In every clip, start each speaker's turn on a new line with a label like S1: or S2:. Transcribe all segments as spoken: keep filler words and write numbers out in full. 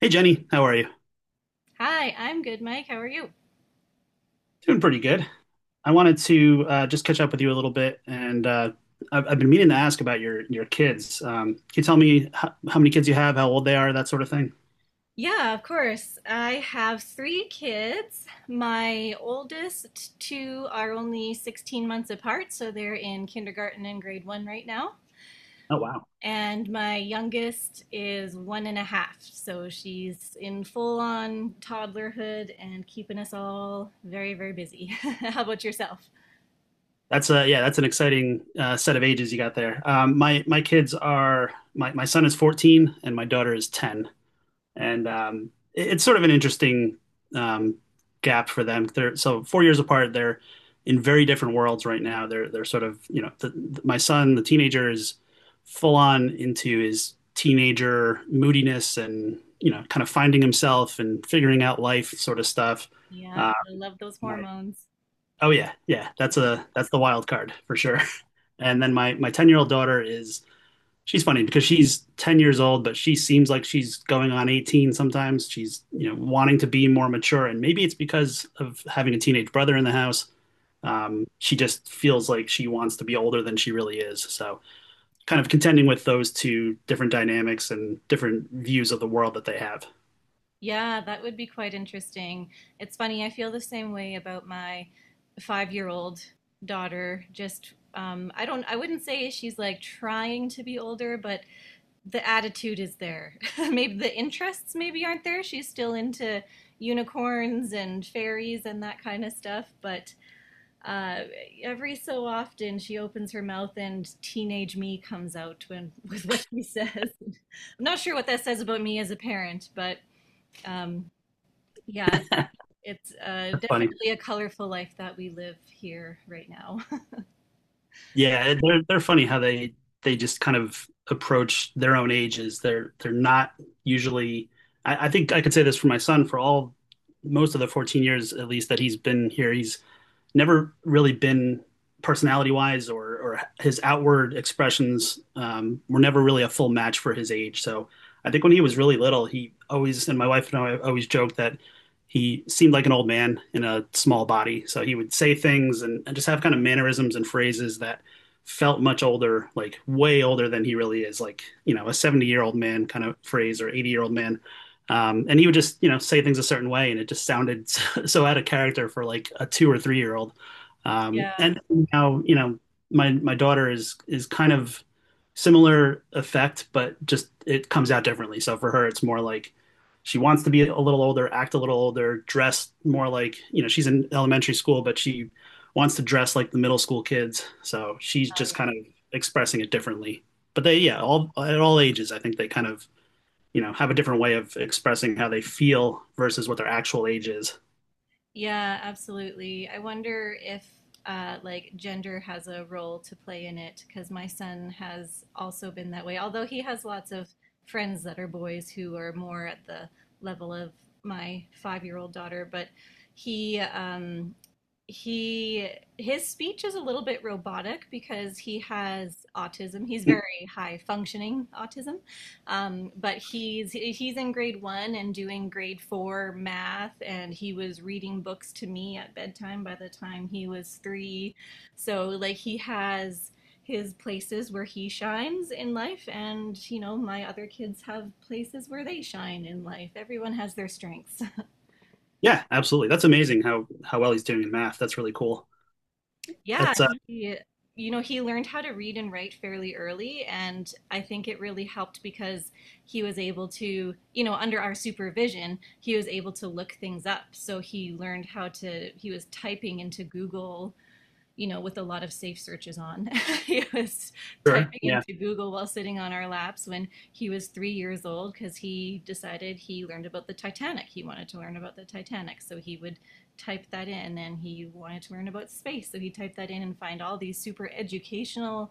S1: Hey, Jenny, how are you?
S2: Hi, I'm good, Mike. How are you?
S1: Doing pretty good. I wanted to uh, just catch up with you a little bit, and uh, I've, I've been meaning to ask about your your kids. Um, can you tell me how, how many kids you have, how old they are, that sort of thing?
S2: Yeah, of course. I have three kids. My oldest two are only sixteen months apart, so they're in kindergarten and grade one right now.
S1: Oh, wow.
S2: And my youngest is one and a half, so she's in full on toddlerhood and keeping us all very, very busy. How about yourself?
S1: That's a Yeah, that's an exciting uh, set of ages you got there. Um, my my kids are my my son is fourteen and my daughter is ten. and um, it- it's sort of an interesting um, gap for them. They're so four years apart. They're in very different worlds right now. They're they're sort of you know the, the- my son, the teenager, is full on into his teenager moodiness and you know kind of finding himself and figuring out life sort of stuff.
S2: Yeah,
S1: Uh,
S2: gotta love those
S1: my
S2: hormones.
S1: Oh, yeah, yeah, that's a that's the wild card for sure. And then my my ten year old daughter is she's funny because she's ten years old, but she seems like she's going on eighteen sometimes. She's, you know, wanting to be more mature, and maybe it's because of having a teenage brother in the house. Um, she just feels like she wants to be older than she really is. So, kind of contending with those two different dynamics and different views of the world that they have.
S2: Yeah, that would be quite interesting. It's funny, I feel the same way about my five-year-old daughter. Just, um, I don't, I wouldn't say she's like trying to be older, but the attitude is there. Maybe the interests maybe aren't there. She's still into unicorns and fairies and that kind of stuff, but uh, every so often she opens her mouth and teenage me comes out when, with what she says. I'm not sure what that says about me as a parent, but um, yeah, it's uh,
S1: That's funny.
S2: definitely a colorful life that we live here right now.
S1: Yeah, they're they're funny how they they just kind of approach their own ages. They're they're not usually. I, I think I could say this for my son for all most of the fourteen years at least that he's been here. He's never really been personality wise or, or his outward expressions um, were never really a full match for his age. So I think when he was really little, he always, and my wife and I always joked that he seemed like an old man in a small body. So he would say things and, and just have kind of mannerisms and phrases that felt much older, like way older than he really is, like, you know, a seventy year old man kind of phrase or eighty year old man um, and he would just, you know, say things a certain way, and it just sounded so, so out of character for like a two or three year old. Um,
S2: Yeah.
S1: and now, you know, my my daughter is is kind of similar effect, but just it comes out differently. So for her, it's more like she wants to be a little older, act a little older, dress more like, you know, she's in elementary school, but she wants to dress like the middle school kids. So she's
S2: Oh,
S1: just
S2: yeah.
S1: kind of expressing it differently. But they, yeah, all at all ages, I think they kind of you know have a different way of expressing how they feel versus what their actual age is.
S2: Yeah, absolutely. I wonder if uh, like gender has a role to play in it because my son has also been that way. Although he has lots of friends that are boys who are more at the level of my five-year-old daughter, but he um, he his speech is a little bit robotic because he has autism. He's very high functioning autism. Um, but he's he's in grade one and doing grade four math, and he was reading books to me at bedtime by the time he was three. So like he has his places where he shines in life, and you know my other kids have places where they shine in life. Everyone has their strengths.
S1: Yeah, absolutely, that's amazing how how well he's doing in math. That's really cool.
S2: Yeah,
S1: that's uh
S2: he, you know, he learned how to read and write fairly early, and I think it really helped because he was able to, you know, under our supervision, he was able to look things up. So he learned how to, he was typing into Google, you know, with a lot of safe searches on. He was
S1: Sure.
S2: typing
S1: Yeah.
S2: into Google while sitting on our laps when he was three years old because he decided he learned about the Titanic. He wanted to learn about the Titanic. So he would type that in and he wanted to learn about space. So he typed that in and find all these super educational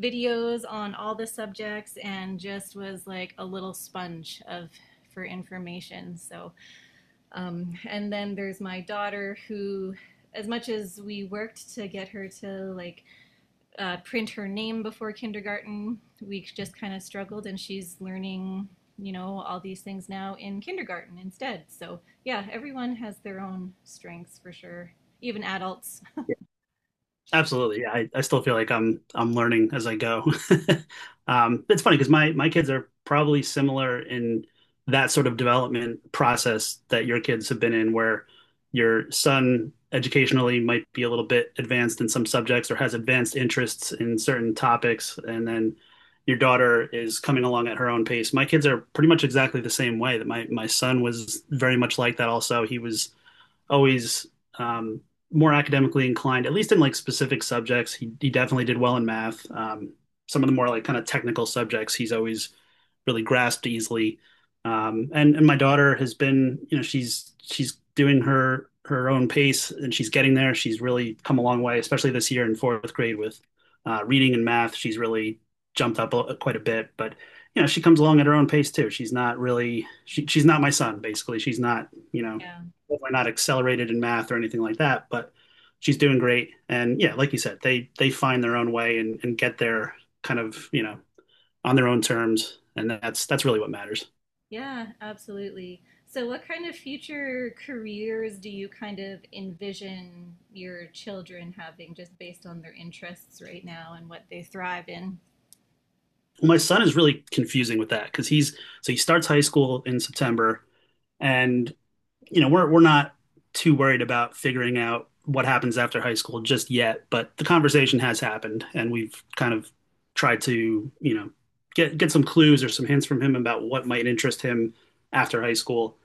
S2: videos on all the subjects and just was like a little sponge of for information. So um, and then there's my daughter who as much as we worked to get her to like uh, print her name before kindergarten, we just kind of struggled, and she's learning, you know, all these things now in kindergarten instead. So yeah, everyone has their own strengths for sure, even adults.
S1: Absolutely. Yeah, I, I still feel like I'm I'm learning as I go. Um, it's funny because my my kids are probably similar in that sort of development process that your kids have been in, where your son educationally might be a little bit advanced in some subjects or has advanced interests in certain topics, and then your daughter is coming along at her own pace. My kids are pretty much exactly the same way that my my son was very much like that also. He was always um, more academically inclined, at least in like specific subjects. He he definitely did well in math. Um, some of the more like kind of technical subjects, he's always really grasped easily. Um, and and my daughter has been, you know, she's she's doing her her own pace and she's getting there. She's really come a long way, especially this year in fourth grade with uh, reading and math. She's really jumped up a, quite a bit, but you know, she comes along at her own pace too. She's not really she, she's not my son basically. She's not, you know,
S2: Yeah,
S1: We're not accelerated in math or anything like that, but she's doing great. And yeah, like you said, they they find their own way and, and get there kind of, you know, on their own terms. And that's that's really what matters.
S2: yeah, absolutely. So, what kind of future careers do you kind of envision your children having, just based on their interests right now and what they thrive in?
S1: Well, my son is really confusing with that because he's so he starts high school in September and you know, we're we're not too worried about figuring out what happens after high school just yet, but the conversation has happened, and we've kind of tried to, you know, get get some clues or some hints from him about what might interest him after high school.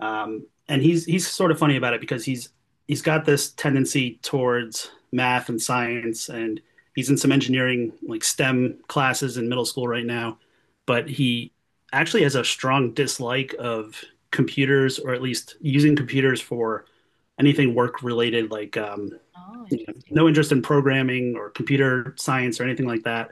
S1: Um, and he's he's sort of funny about it because he's he's got this tendency towards math and science, and he's in some engineering like STEM classes in middle school right now. But he actually has a strong dislike of computers, or at least using computers for anything work related, like um,
S2: Oh,
S1: you know,
S2: interesting.
S1: no interest in programming or computer science or anything like that.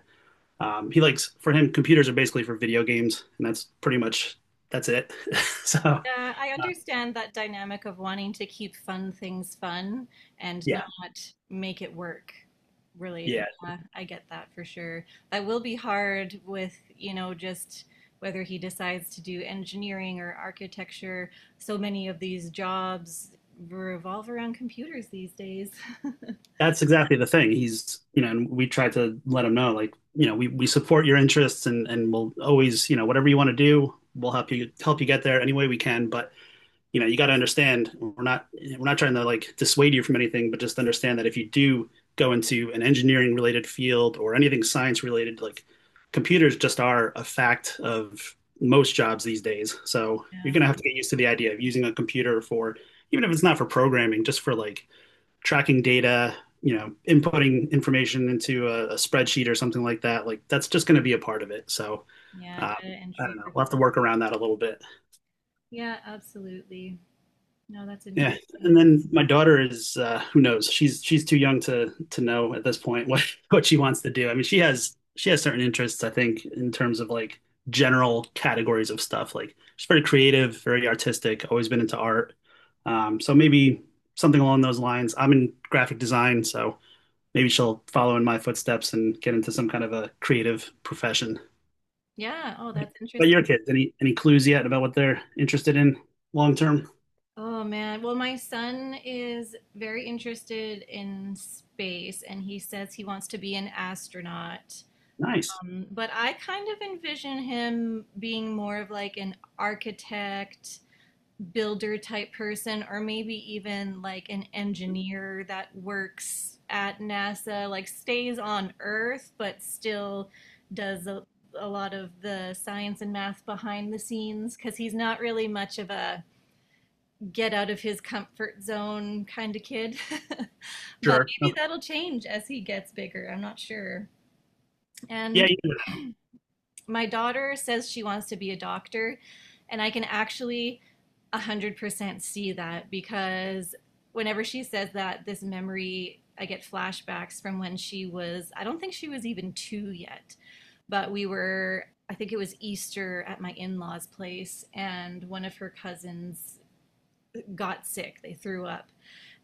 S1: Um, he likes For him, computers are basically for video games, and that's pretty much that's it. so
S2: Uh, I understand that dynamic of wanting to keep fun things fun and not
S1: yeah,
S2: make it work related.
S1: yeah,
S2: Yeah, I get that for sure. That will be hard with, you know, just whether he decides to do engineering or architecture. So many of these jobs revolve around computers these days.
S1: that's exactly the thing. He's, you know, and we try to let him know, like, you know, we, we support your interests and, and we'll always, you know, whatever you want to do, we'll help you help you get there any way we can. But, you know, you got to understand we're not we're not trying to like dissuade you from anything, but just understand that if you do go into an engineering related field or anything science related, like computers just are a fact of most jobs these days. So you're
S2: Yeah,
S1: going to have to get used to the idea of using a computer for, even if it's not for programming, just for like tracking data, you know, inputting information into a, a spreadsheet or something like that, like that's just going to be a part of it. So
S2: yeah,
S1: um,
S2: data
S1: I don't
S2: entry.
S1: know. We'll have
S2: Report-
S1: to work around that a little bit.
S2: Yeah, absolutely. No, that's
S1: Yeah, and
S2: interesting.
S1: then my daughter is uh, who knows? She's she's too young to to know at this point what what she wants to do. I mean, she has she has certain interests. I think in terms of like general categories of stuff. Like she's very creative, very artistic. Always been into art. Um, so maybe something along those lines. I'm in graphic design, so maybe she'll follow in my footsteps and get into some kind of a creative profession.
S2: Yeah, oh, that's
S1: But
S2: interesting.
S1: your kids, any any clues yet about what they're interested in long term?
S2: Oh man. Well, my son is very interested in space and he says he wants to be an astronaut.
S1: Nice.
S2: Um, but I kind of envision him being more of like an architect, builder type person, or maybe even like an engineer that works at NASA, like stays on Earth, but still does a, a lot of the science and math behind the scenes because he's not really much of a get out of his comfort zone kind of kid. But
S1: Sure.
S2: maybe
S1: Okay.
S2: that'll change as he gets bigger. I'm not sure.
S1: Yeah,
S2: And
S1: you know
S2: my daughter says she wants to be a doctor, and I can actually one hundred percent see that because whenever she says that, this memory, I get flashbacks from when she was, I don't think she was even two yet, but we were I think it was Easter at my in law's place, and one of her cousins got sick. They threw up.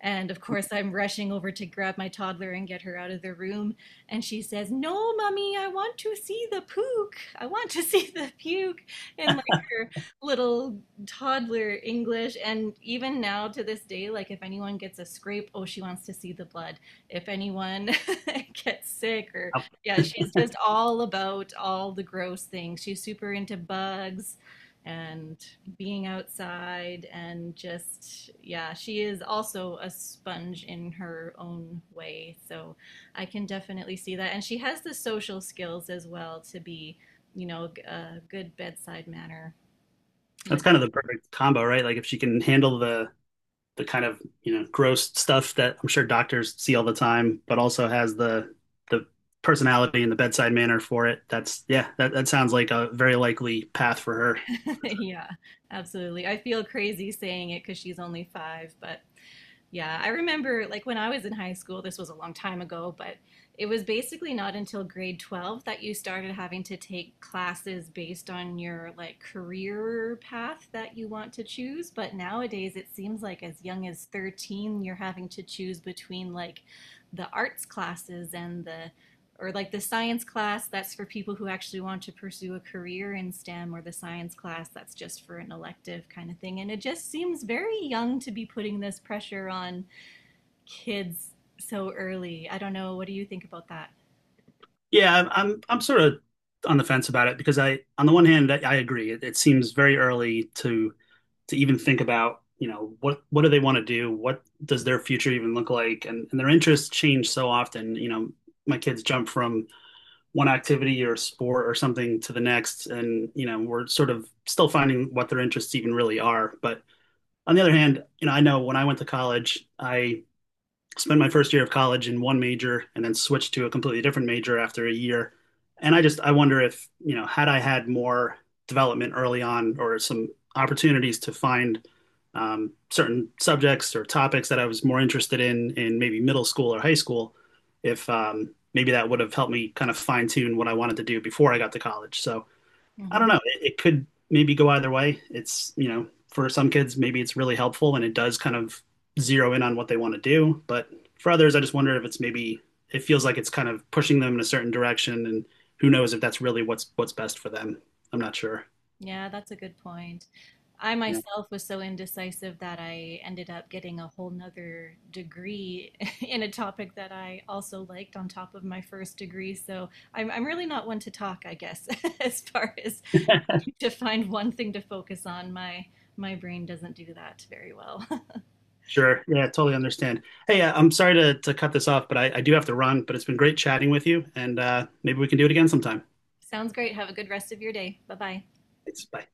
S2: And of course, I'm rushing over to grab my toddler and get her out of the room. And she says, no, mommy, I want to see the puke. I want to see the puke in like her little toddler English. And even now to this day, like if anyone gets a scrape, oh, she wants to see the blood. If anyone gets sick or,
S1: that.
S2: yeah, she's just all about all the gross things. She's super into bugs and being outside and just yeah she is also a sponge in her own way, so I can definitely see that and she has the social skills as well to be, you know, a good bedside manner
S1: That's
S2: with.
S1: kind of the perfect combo, right? Like if she can handle the the kind of you know gross stuff that I'm sure doctors see all the time, but also has the the personality and the bedside manner for it. That's Yeah, that, that sounds like a very likely path for her.
S2: Yeah, absolutely. I feel crazy saying it because she's only five, but yeah, I remember like when I was in high school, this was a long time ago, but it was basically not until grade twelve that you started having to take classes based on your like career path that you want to choose. But nowadays, it seems like as young as thirteen, you're having to choose between like the arts classes and the or like the science class that's for people who actually want to pursue a career in STEM, or the science class that's just for an elective kind of thing. And it just seems very young to be putting this pressure on kids so early. I don't know. What do you think about that?
S1: Yeah, I'm I'm I'm sort of on the fence about it because I, on the one hand, I, I agree. It, it seems very early to to even think about, you know, what what do they want to do? What does their future even look like? And and their interests change so often. You know, my kids jump from one activity or sport or something to the next, and you know, we're sort of still finding what their interests even really are. But on the other hand, you know, I know when I went to college, I spent my first year of college in one major and then switched to a completely different major after a year. And I just I wonder if, you know, had I had more development early on or some opportunities to find um, certain subjects or topics that I was more interested in in maybe middle school or high school, if um, maybe that would have helped me kind of fine tune what I wanted to do before I got to college. So I
S2: Hmm.
S1: don't know. It, it could maybe go either way. It's, you know, for some kids, maybe it's really helpful and it does kind of zero in on what they want to do. But for others, I just wonder if it's maybe, it feels like it's kind of pushing them in a certain direction. And who knows if that's really what's, what's best for them. I'm not sure.
S2: Yeah, that's a good point. I
S1: Yeah,
S2: myself was so indecisive that I ended up getting a whole nother degree in a topic that I also liked on top of my first degree. So I'm, I'm really not one to talk, I guess, as far as to find one thing to focus on. My my brain doesn't do that very well.
S1: sure. Yeah, totally understand. Hey, uh, I'm sorry to, to cut this off, but I, I do have to run, but it's been great chatting with you and uh, maybe we can do it again sometime.
S2: Sounds great. Have a good rest of your day. Bye bye.
S1: Thanks. Bye.